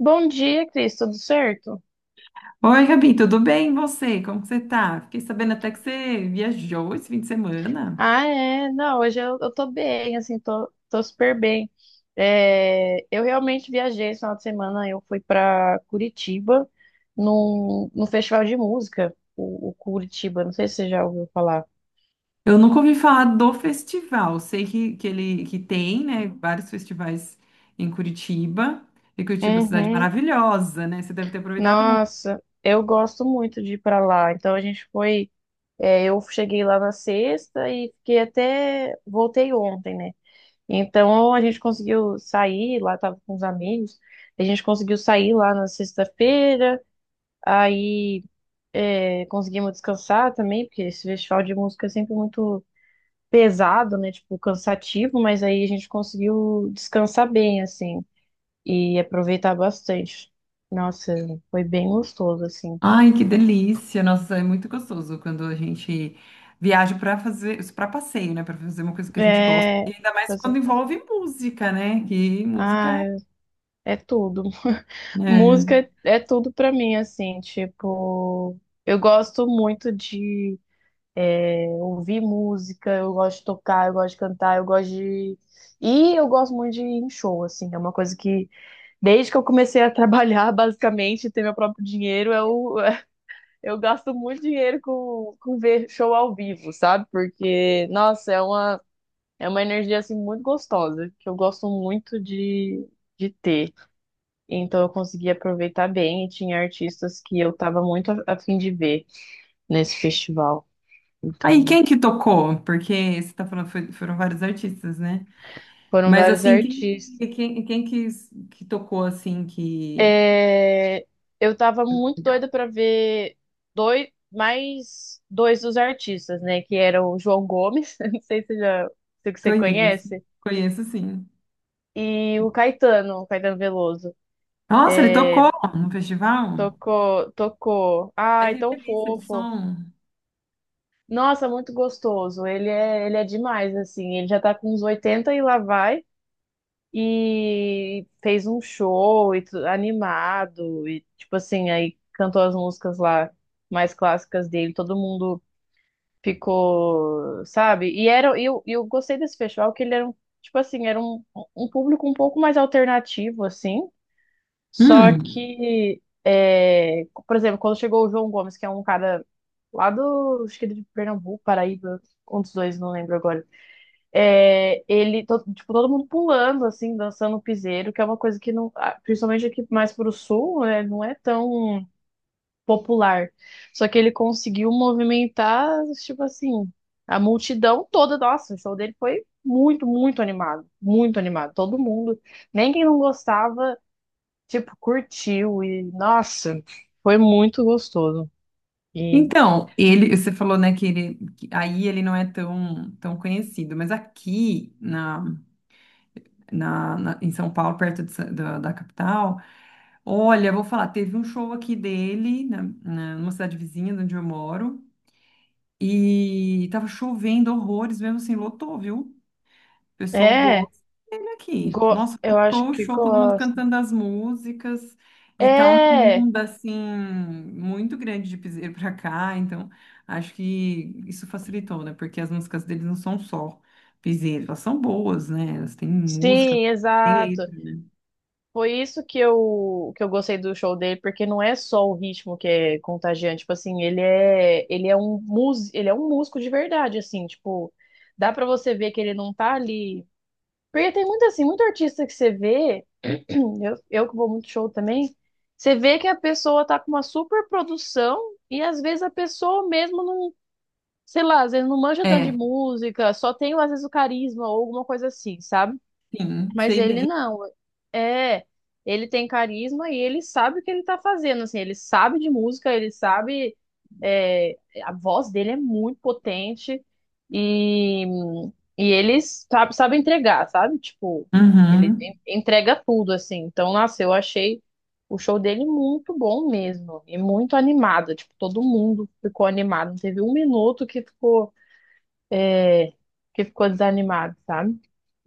Bom dia, Cris, tudo certo? Oi, Gabi, tudo bem? E você? Como que você tá? Fiquei sabendo até que você viajou esse fim de semana. Ah, é, não, hoje eu tô bem, assim, tô super bem. É, eu realmente viajei esse final de semana, eu fui pra Curitiba num festival de música, o Curitiba, não sei se você já ouviu falar. Eu nunca ouvi falar do festival. Sei que ele que tem, né, vários festivais em Curitiba. E Curitiba é uma cidade Uhum. maravilhosa, né? Você deve ter aproveitado muito. Nossa, eu gosto muito de ir pra lá, então a gente foi, eu cheguei lá na sexta e fiquei até, voltei ontem, né? Então a gente conseguiu sair lá, tava com os amigos, a gente conseguiu sair lá na sexta-feira, aí conseguimos descansar também, porque esse festival de música é sempre muito pesado, né? Tipo, cansativo, mas aí a gente conseguiu descansar bem, assim, e aproveitar bastante. Nossa, foi bem gostoso, assim. Ai, que delícia! Nossa, é muito gostoso quando a gente viaja para fazer, para passeio, né, para fazer uma coisa que a gente gosta. É, E ainda mais assim, quando envolve música, né? Que ah, música, é tudo. né? Música é tudo pra mim, assim, tipo, eu gosto muito de Eu ouvi música, eu gosto de tocar, eu gosto de cantar, eu gosto de. E eu gosto muito de ir em show, assim. É uma coisa que, desde que eu comecei a trabalhar, basicamente, ter meu próprio dinheiro, eu, eu gasto muito dinheiro com ver show ao vivo, sabe? Porque, nossa, é uma energia, assim, muito gostosa, que eu gosto muito de ter. Então, eu consegui aproveitar bem e tinha artistas que eu tava muito a fim de ver nesse festival. Aí, Então, quem que tocou? Porque você tá falando, foram vários artistas, né? foram Mas vários assim, artistas. Que tocou assim que. É, eu tava muito Legal. doida pra ver mais dois dos artistas, né? Que eram o João Gomes, não sei se, já, se você Conheço, conhece, conheço sim. e o Caetano Veloso. Nossa, ele tocou no festival? Tocou, tocou. Ai, Ai, que tão delícia de fofo. som. Nossa, muito gostoso. Ele é demais, assim. Ele já tá com uns 80 e lá vai. E fez um show e animado. E, tipo assim, aí cantou as músicas lá mais clássicas dele. Todo mundo ficou, sabe? E era, e eu gostei desse festival que ele era, tipo assim, um público um pouco mais alternativo, assim. Hum. Só que, é, por exemplo, quando chegou o João Gomes, que é um cara lá do, acho que de Pernambuco, Paraíba, um dos dois, não lembro agora. É, ele, tipo, todo mundo pulando, assim, dançando piseiro, que é uma coisa que não, principalmente aqui mais pro sul, né, não é tão popular. Só que ele conseguiu movimentar, tipo assim, a multidão toda. Nossa, o show dele foi muito, muito animado. Muito animado. Todo mundo, nem quem não gostava, tipo, curtiu. E, nossa, foi muito gostoso. E Então, ele, você falou, né, que ele, que aí ele não é tão conhecido, mas aqui na, na, na- em São Paulo, perto de da capital. Olha, vou falar, teve um show aqui dele, numa cidade vizinha de onde eu moro, e tava chovendo horrores, mesmo assim, lotou, viu? O pessoal é, gosta dele aqui. Nossa, eu acho lotou o que show, todo mundo gosto. cantando as músicas, e tá uma É, onda, assim, muito grande de piseiro pra cá, então acho que isso facilitou, né? Porque as músicas deles não são só piseiro, elas são boas, né? Elas têm música, sim, têm exato. letra, né? Foi isso que eu gostei do show dele, porque não é só o ritmo que é contagiante, tipo assim, ele é um músico, ele é um músico de verdade, assim, tipo, dá pra você ver que ele não tá ali. Porque tem muito assim, muito artista que você vê, eu que vou muito show também, você vê que a pessoa tá com uma super produção e às vezes a pessoa mesmo não, sei lá, às vezes não manja tanto de É, música, só tem às vezes o carisma ou alguma coisa assim, sabe? sim, Mas sei ele bem. não. É, ele tem carisma e ele sabe o que ele tá fazendo, assim, ele sabe de música, ele sabe, é, a voz dele é muito potente e, sabe entregar, sabe? Tipo, ele Uhum. Entrega tudo, assim. Então, nossa, eu achei o show dele muito bom mesmo e muito animado, tipo, todo mundo ficou animado, não teve um minuto que ficou desanimado, sabe?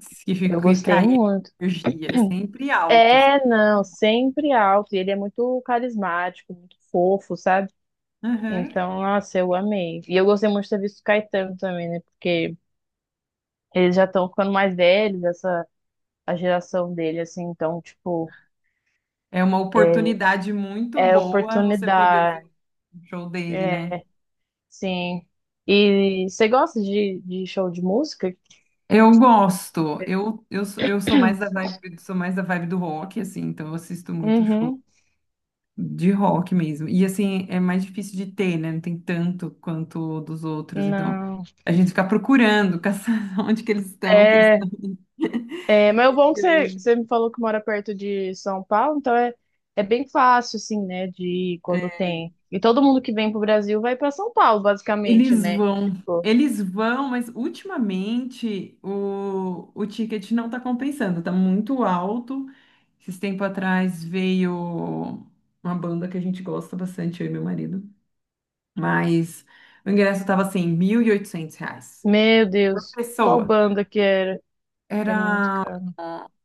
Se Eu ficar gostei aí, muito. energia, é sempre altos. É, não, sempre alto. E ele é muito carismático, muito fofo, sabe? Aham. Então, nossa, eu amei. E eu gostei muito de ter visto o Caetano também, né? Porque eles já estão ficando mais velhos, essa a geração dele, assim. Então, tipo, É uma oportunidade muito é boa você poder ver oportunidade. o show dele, É, né? sim. E você gosta de show de música? Eu gosto. Eu sou mais da vibe, sou mais da vibe do rock, assim, então eu assisto muito show Uhum. de rock mesmo. E assim, é mais difícil de ter, né? Não tem tanto quanto dos outros. Então, Não. a gente fica procurando, caçando onde que eles estão, que eles É, É, mas o bom que você, estão. você me falou que mora perto de São Paulo, então é bem fácil, assim, né, de ir quando é, tem. E todo mundo que vem pro Brasil vai para São Paulo, basicamente, Eles né? vão, Tipo, eles vão, mas ultimamente o ticket não está compensando, está muito alto. Esses tempo atrás veio uma banda que a gente gosta bastante, eu e meu marido, mas o ingresso estava assim, R$ 1.800 meu por Deus, qual pessoa. banda que era? É muito Era. caro.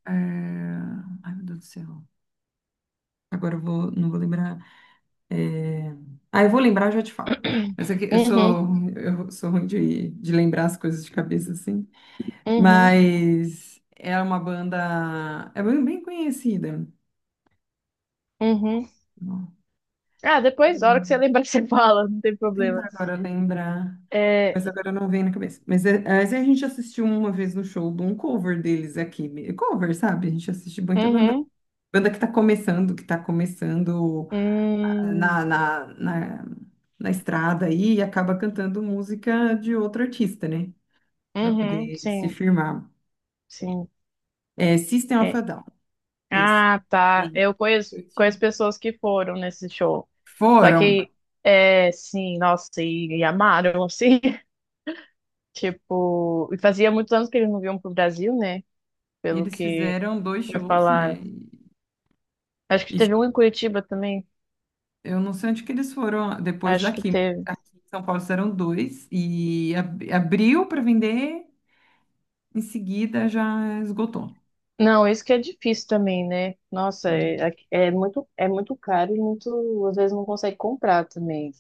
é, Ai, meu Deus do céu. Agora eu vou, não vou lembrar. Ah, eu vou lembrar, eu já te falo. Mas é que Uhum, eu sou ruim de lembrar as coisas de cabeça assim. uhum, Mas é uma banda. É bem bem conhecida. uhum. Ó, Ah, depois, a hora que você hum, lembrar, você fala, não tem vou tentar problema. agora lembrar. É, Mas agora não vem na cabeça. Mas, é, mas a gente assistiu uma vez no show de um cover deles aqui. Cover, sabe? A gente assiste muita banda. uhum, Banda que tá começando hum, na, na, na, na estrada aí e acaba cantando música de outro artista, né? Pra uhum, poder se sim, firmar. sim. É System of a É. Down. Esse. Ah, tá. Bem. Eu conheço, Curti. conheço pessoas que foram nesse show. Só Foram. que, é, sim, nossa, e amaram, assim. Tipo, e fazia muitos anos que eles não vinham pro Brasil, né? E Pelo eles que fizeram dois me shows, né? falaram. E Acho que e teve um em Curitiba também. eu não sei onde que eles foram depois Acho que daqui. teve. Aqui em São Paulo fizeram dois e abriu para vender, em seguida já esgotou. Não, isso que é difícil também, né? Nossa, é, é muito caro e muito, às vezes não consegue comprar também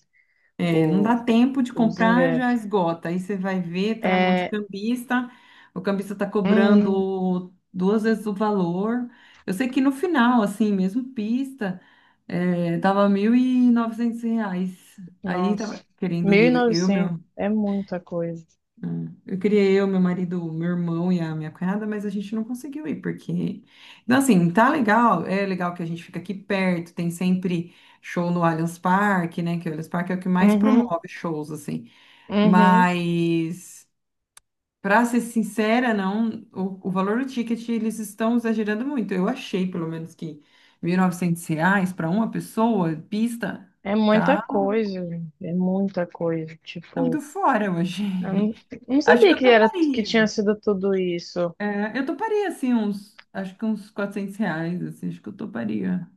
É, não o, dá tempo de os comprar, já ingressos. esgota. Aí você vai ver, tá na mão de É, cambista, o cambista tá hum, cobrando duas vezes o valor. Eu sei que no final, assim, mesmo pista, é, tava R$ 1.900. Aí tava nossa, querendo mil e ir eu, novecentos meu é muita coisa. É. Eu queria eu, meu marido, meu irmão e a minha cunhada, mas a gente não conseguiu ir, porque. Então, assim, tá legal, é legal que a gente fica aqui perto, tem sempre show no Allianz Parque, né? Que o Allianz Parque é o que mais Uhum, promove shows, assim. uhum. Mas, pra ser sincera, não, o valor do ticket eles estão exagerando muito. Eu achei, pelo menos, que R$ 1.900 para uma pessoa, pista, É muita tá, coisa, é muita coisa. tá muito Tipo, fora hoje. eu não Acho que sabia eu que era que toparia. tinha sido tudo isso. É, eu toparia, assim, uns, acho que uns R$ 400, assim, acho que eu toparia.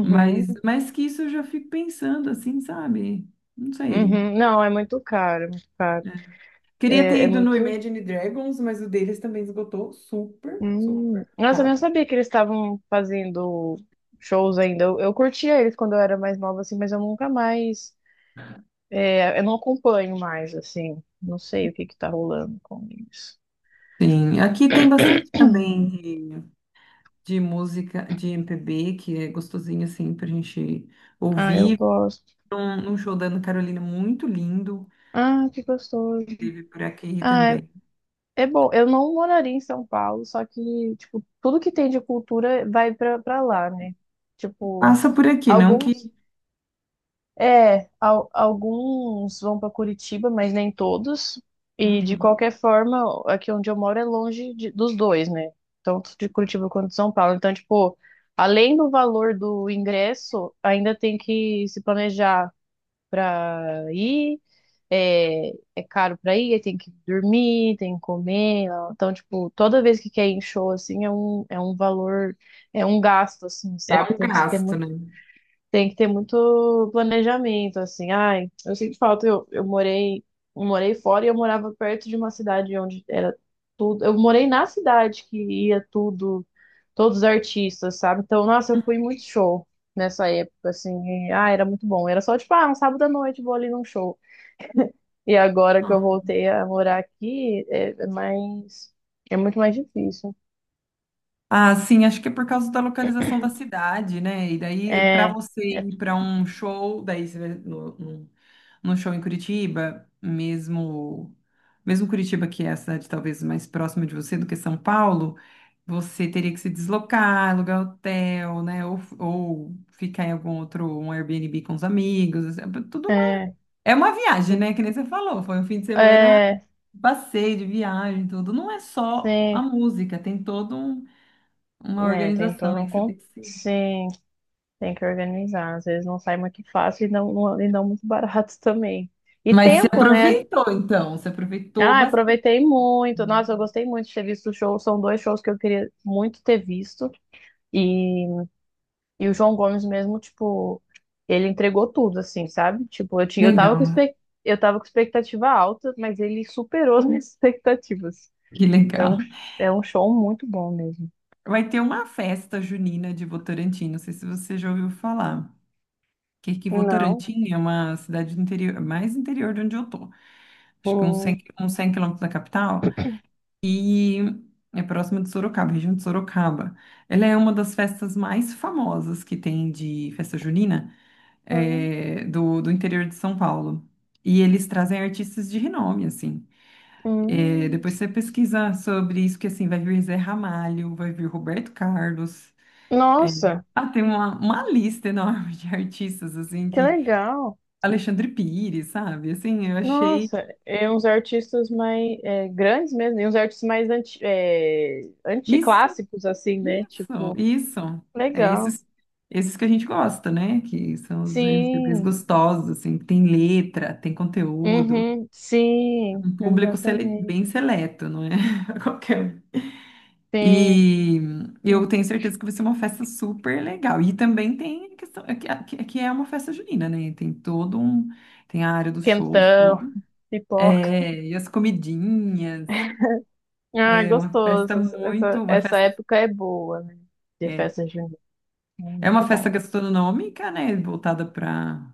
Mas, mas que isso eu já fico pensando, assim, sabe? Não sei. uhum. Não, é muito caro, é muito caro. Né? Queria ter É, é ido no muito. Imagine Dragons, mas o deles também esgotou super, super Hum. Nossa, eu não rápido. sabia que eles estavam fazendo shows ainda. Eu curtia eles quando eu era mais nova, assim, mas eu nunca mais. É, eu não acompanho mais, assim. Não sei o que que tá rolando com isso. Sim, aqui tem bastante também de música de MPB, que é gostosinho, assim, pra gente Ah, eu ouvir. gosto. Um show da Ana Carolina muito lindo, Ah, que gostoso. teve por aqui Ah. também. É bom, eu não moraria em São Paulo, só que, tipo, tudo que tem de cultura vai pra lá, né? Tipo, Passa por aqui, não alguns, que... alguns vão pra Curitiba, mas nem todos. E de Uhum. qualquer forma, aqui onde eu moro é longe dos dois, né? Tanto de Curitiba quanto de São Paulo. Então, tipo, além do valor do ingresso, ainda tem que se planejar pra ir é, é caro pra ir, aí tem que dormir, tem que comer. Ó. Então, tipo, toda vez que quer ir em show, assim, é um valor, é um gasto, assim, É sabe? um Tem que ter gasto, muito, né? tem que ter muito planejamento, assim. Ai, eu sinto falta, eu morei fora e eu morava perto de uma cidade onde era tudo. Eu morei na cidade que ia tudo, todos os artistas, sabe? Então, nossa, eu fui em muito show. Nessa época, assim, e, ah, era muito bom. Era só tipo, ah, um sábado à noite vou ali num show. E agora que eu Ah, voltei a morar aqui, é muito mais difícil. ah, sim, acho que é por causa da localização da cidade, né? E daí, para É, você é, ir para um show, daí você vai no show em Curitiba, mesmo, mesmo Curitiba, que é a cidade talvez mais próxima de você do que São Paulo, você teria que se deslocar, alugar hotel, né? Ou ficar em algum outro, um Airbnb com os amigos, assim, é tudo uma, é, é uma viagem, né? Que nem você falou, foi um fim de semana, é, passeio de viagem, tudo. Não é só a sim, música, tem todo um uma né? Tem organização todo aí um, que você tem que seguir. sim, tem que organizar. Às vezes não sai muito fácil e e não muito barato também. E Mas você tempo, né? aproveitou, então. Você aproveitou Ah, bastante. aproveitei muito. Nossa, eu gostei muito de ter visto o show. São dois shows que eu queria muito ter visto. E E o João Gomes mesmo, tipo, ele entregou tudo, assim, sabe? Tipo, eu tava com Legal. Eu tava com expectativa alta, mas ele superou as minhas expectativas. Que É um, legal. é um show muito bom mesmo. Vai ter uma festa junina de Votorantim. Não sei se você já ouviu falar. Que Não. Votorantim é uma cidade do interior, mais interior de onde eu tô. Acho que uns 100, Hum. Uns 100 km da capital. E é próxima de Sorocaba, região de Sorocaba. Ela é uma das festas mais famosas que tem de festa junina, Ah, eh, do interior de São Paulo. E eles trazem artistas de renome, assim. Eh, hum. depois você pesquisa sobre isso, que assim, vai vir Zé Ramalho, vai vir Roberto Carlos. Eh, Nossa, ah, tem uma lista enorme de artistas, assim, que que... legal. Alexandre Pires, sabe? Assim, eu achei... Nossa, e uns artistas mais grandes mesmo, e uns artistas mais Isso. anticlássicos, assim, né? Isso, Tipo, isso. É legal. esses, esses que a gente gosta, né? Que são os MVPs Sim, gostosos, assim, que tem letra, tem conteúdo, uhum, sim, um público exatamente. bem seleto, não é? Qualquer um. Sim, E eu tenho certeza que vai ser uma festa super legal. E também tem a questão, é que que é uma festa junina, né? Tem todo um, tem a área dos shows, quentão, tudo. pipoca. É, e as comidinhas, Ah, é uma festa gostoso. muito, Essa, uma essa festa. época é boa, né? De é, festa junina. É É muito uma festa bom. gastronômica, né? Voltada para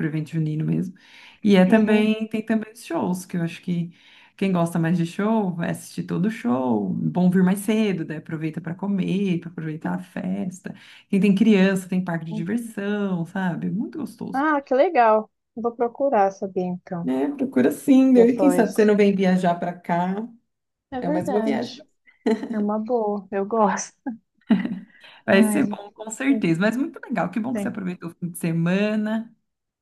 o evento junino mesmo. E é Uhum. também, tem também os shows, que eu acho que quem gosta mais de show vai assistir todo o show. Bom vir mais cedo, daí aproveita para comer, para aproveitar a festa. Quem tem criança, tem parque de diversão, sabe? Muito gostoso. Ah, que legal. Vou procurar saber então, É, procura sim, daí quem sabe você depois. não vem viajar para cá. É É mais uma viagem. verdade. É uma boa, eu gosto. Vai ser Ai, bom, com tem que certeza. Mas muito legal. Que bom que você ter. aproveitou o fim de semana.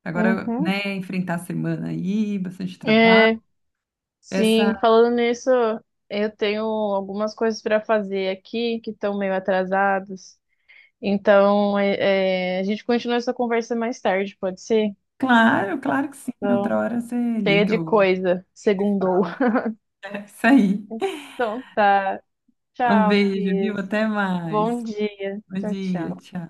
Agora, Uhum. né, enfrentar a semana aí, bastante trabalho. É, Essa, sim, falando nisso, eu tenho algumas coisas para fazer aqui que estão meio atrasadas. Então, é, a gente continua essa conversa mais tarde, pode ser? claro, claro que sim. Então, Outra hora você cheia liga de ou coisa, se segundou. fala. É isso aí. Então tá. Um Tchau, beijo, viu? Cris. Até Bom mais. dia. Bom Tchau, dia, tchau. tchau.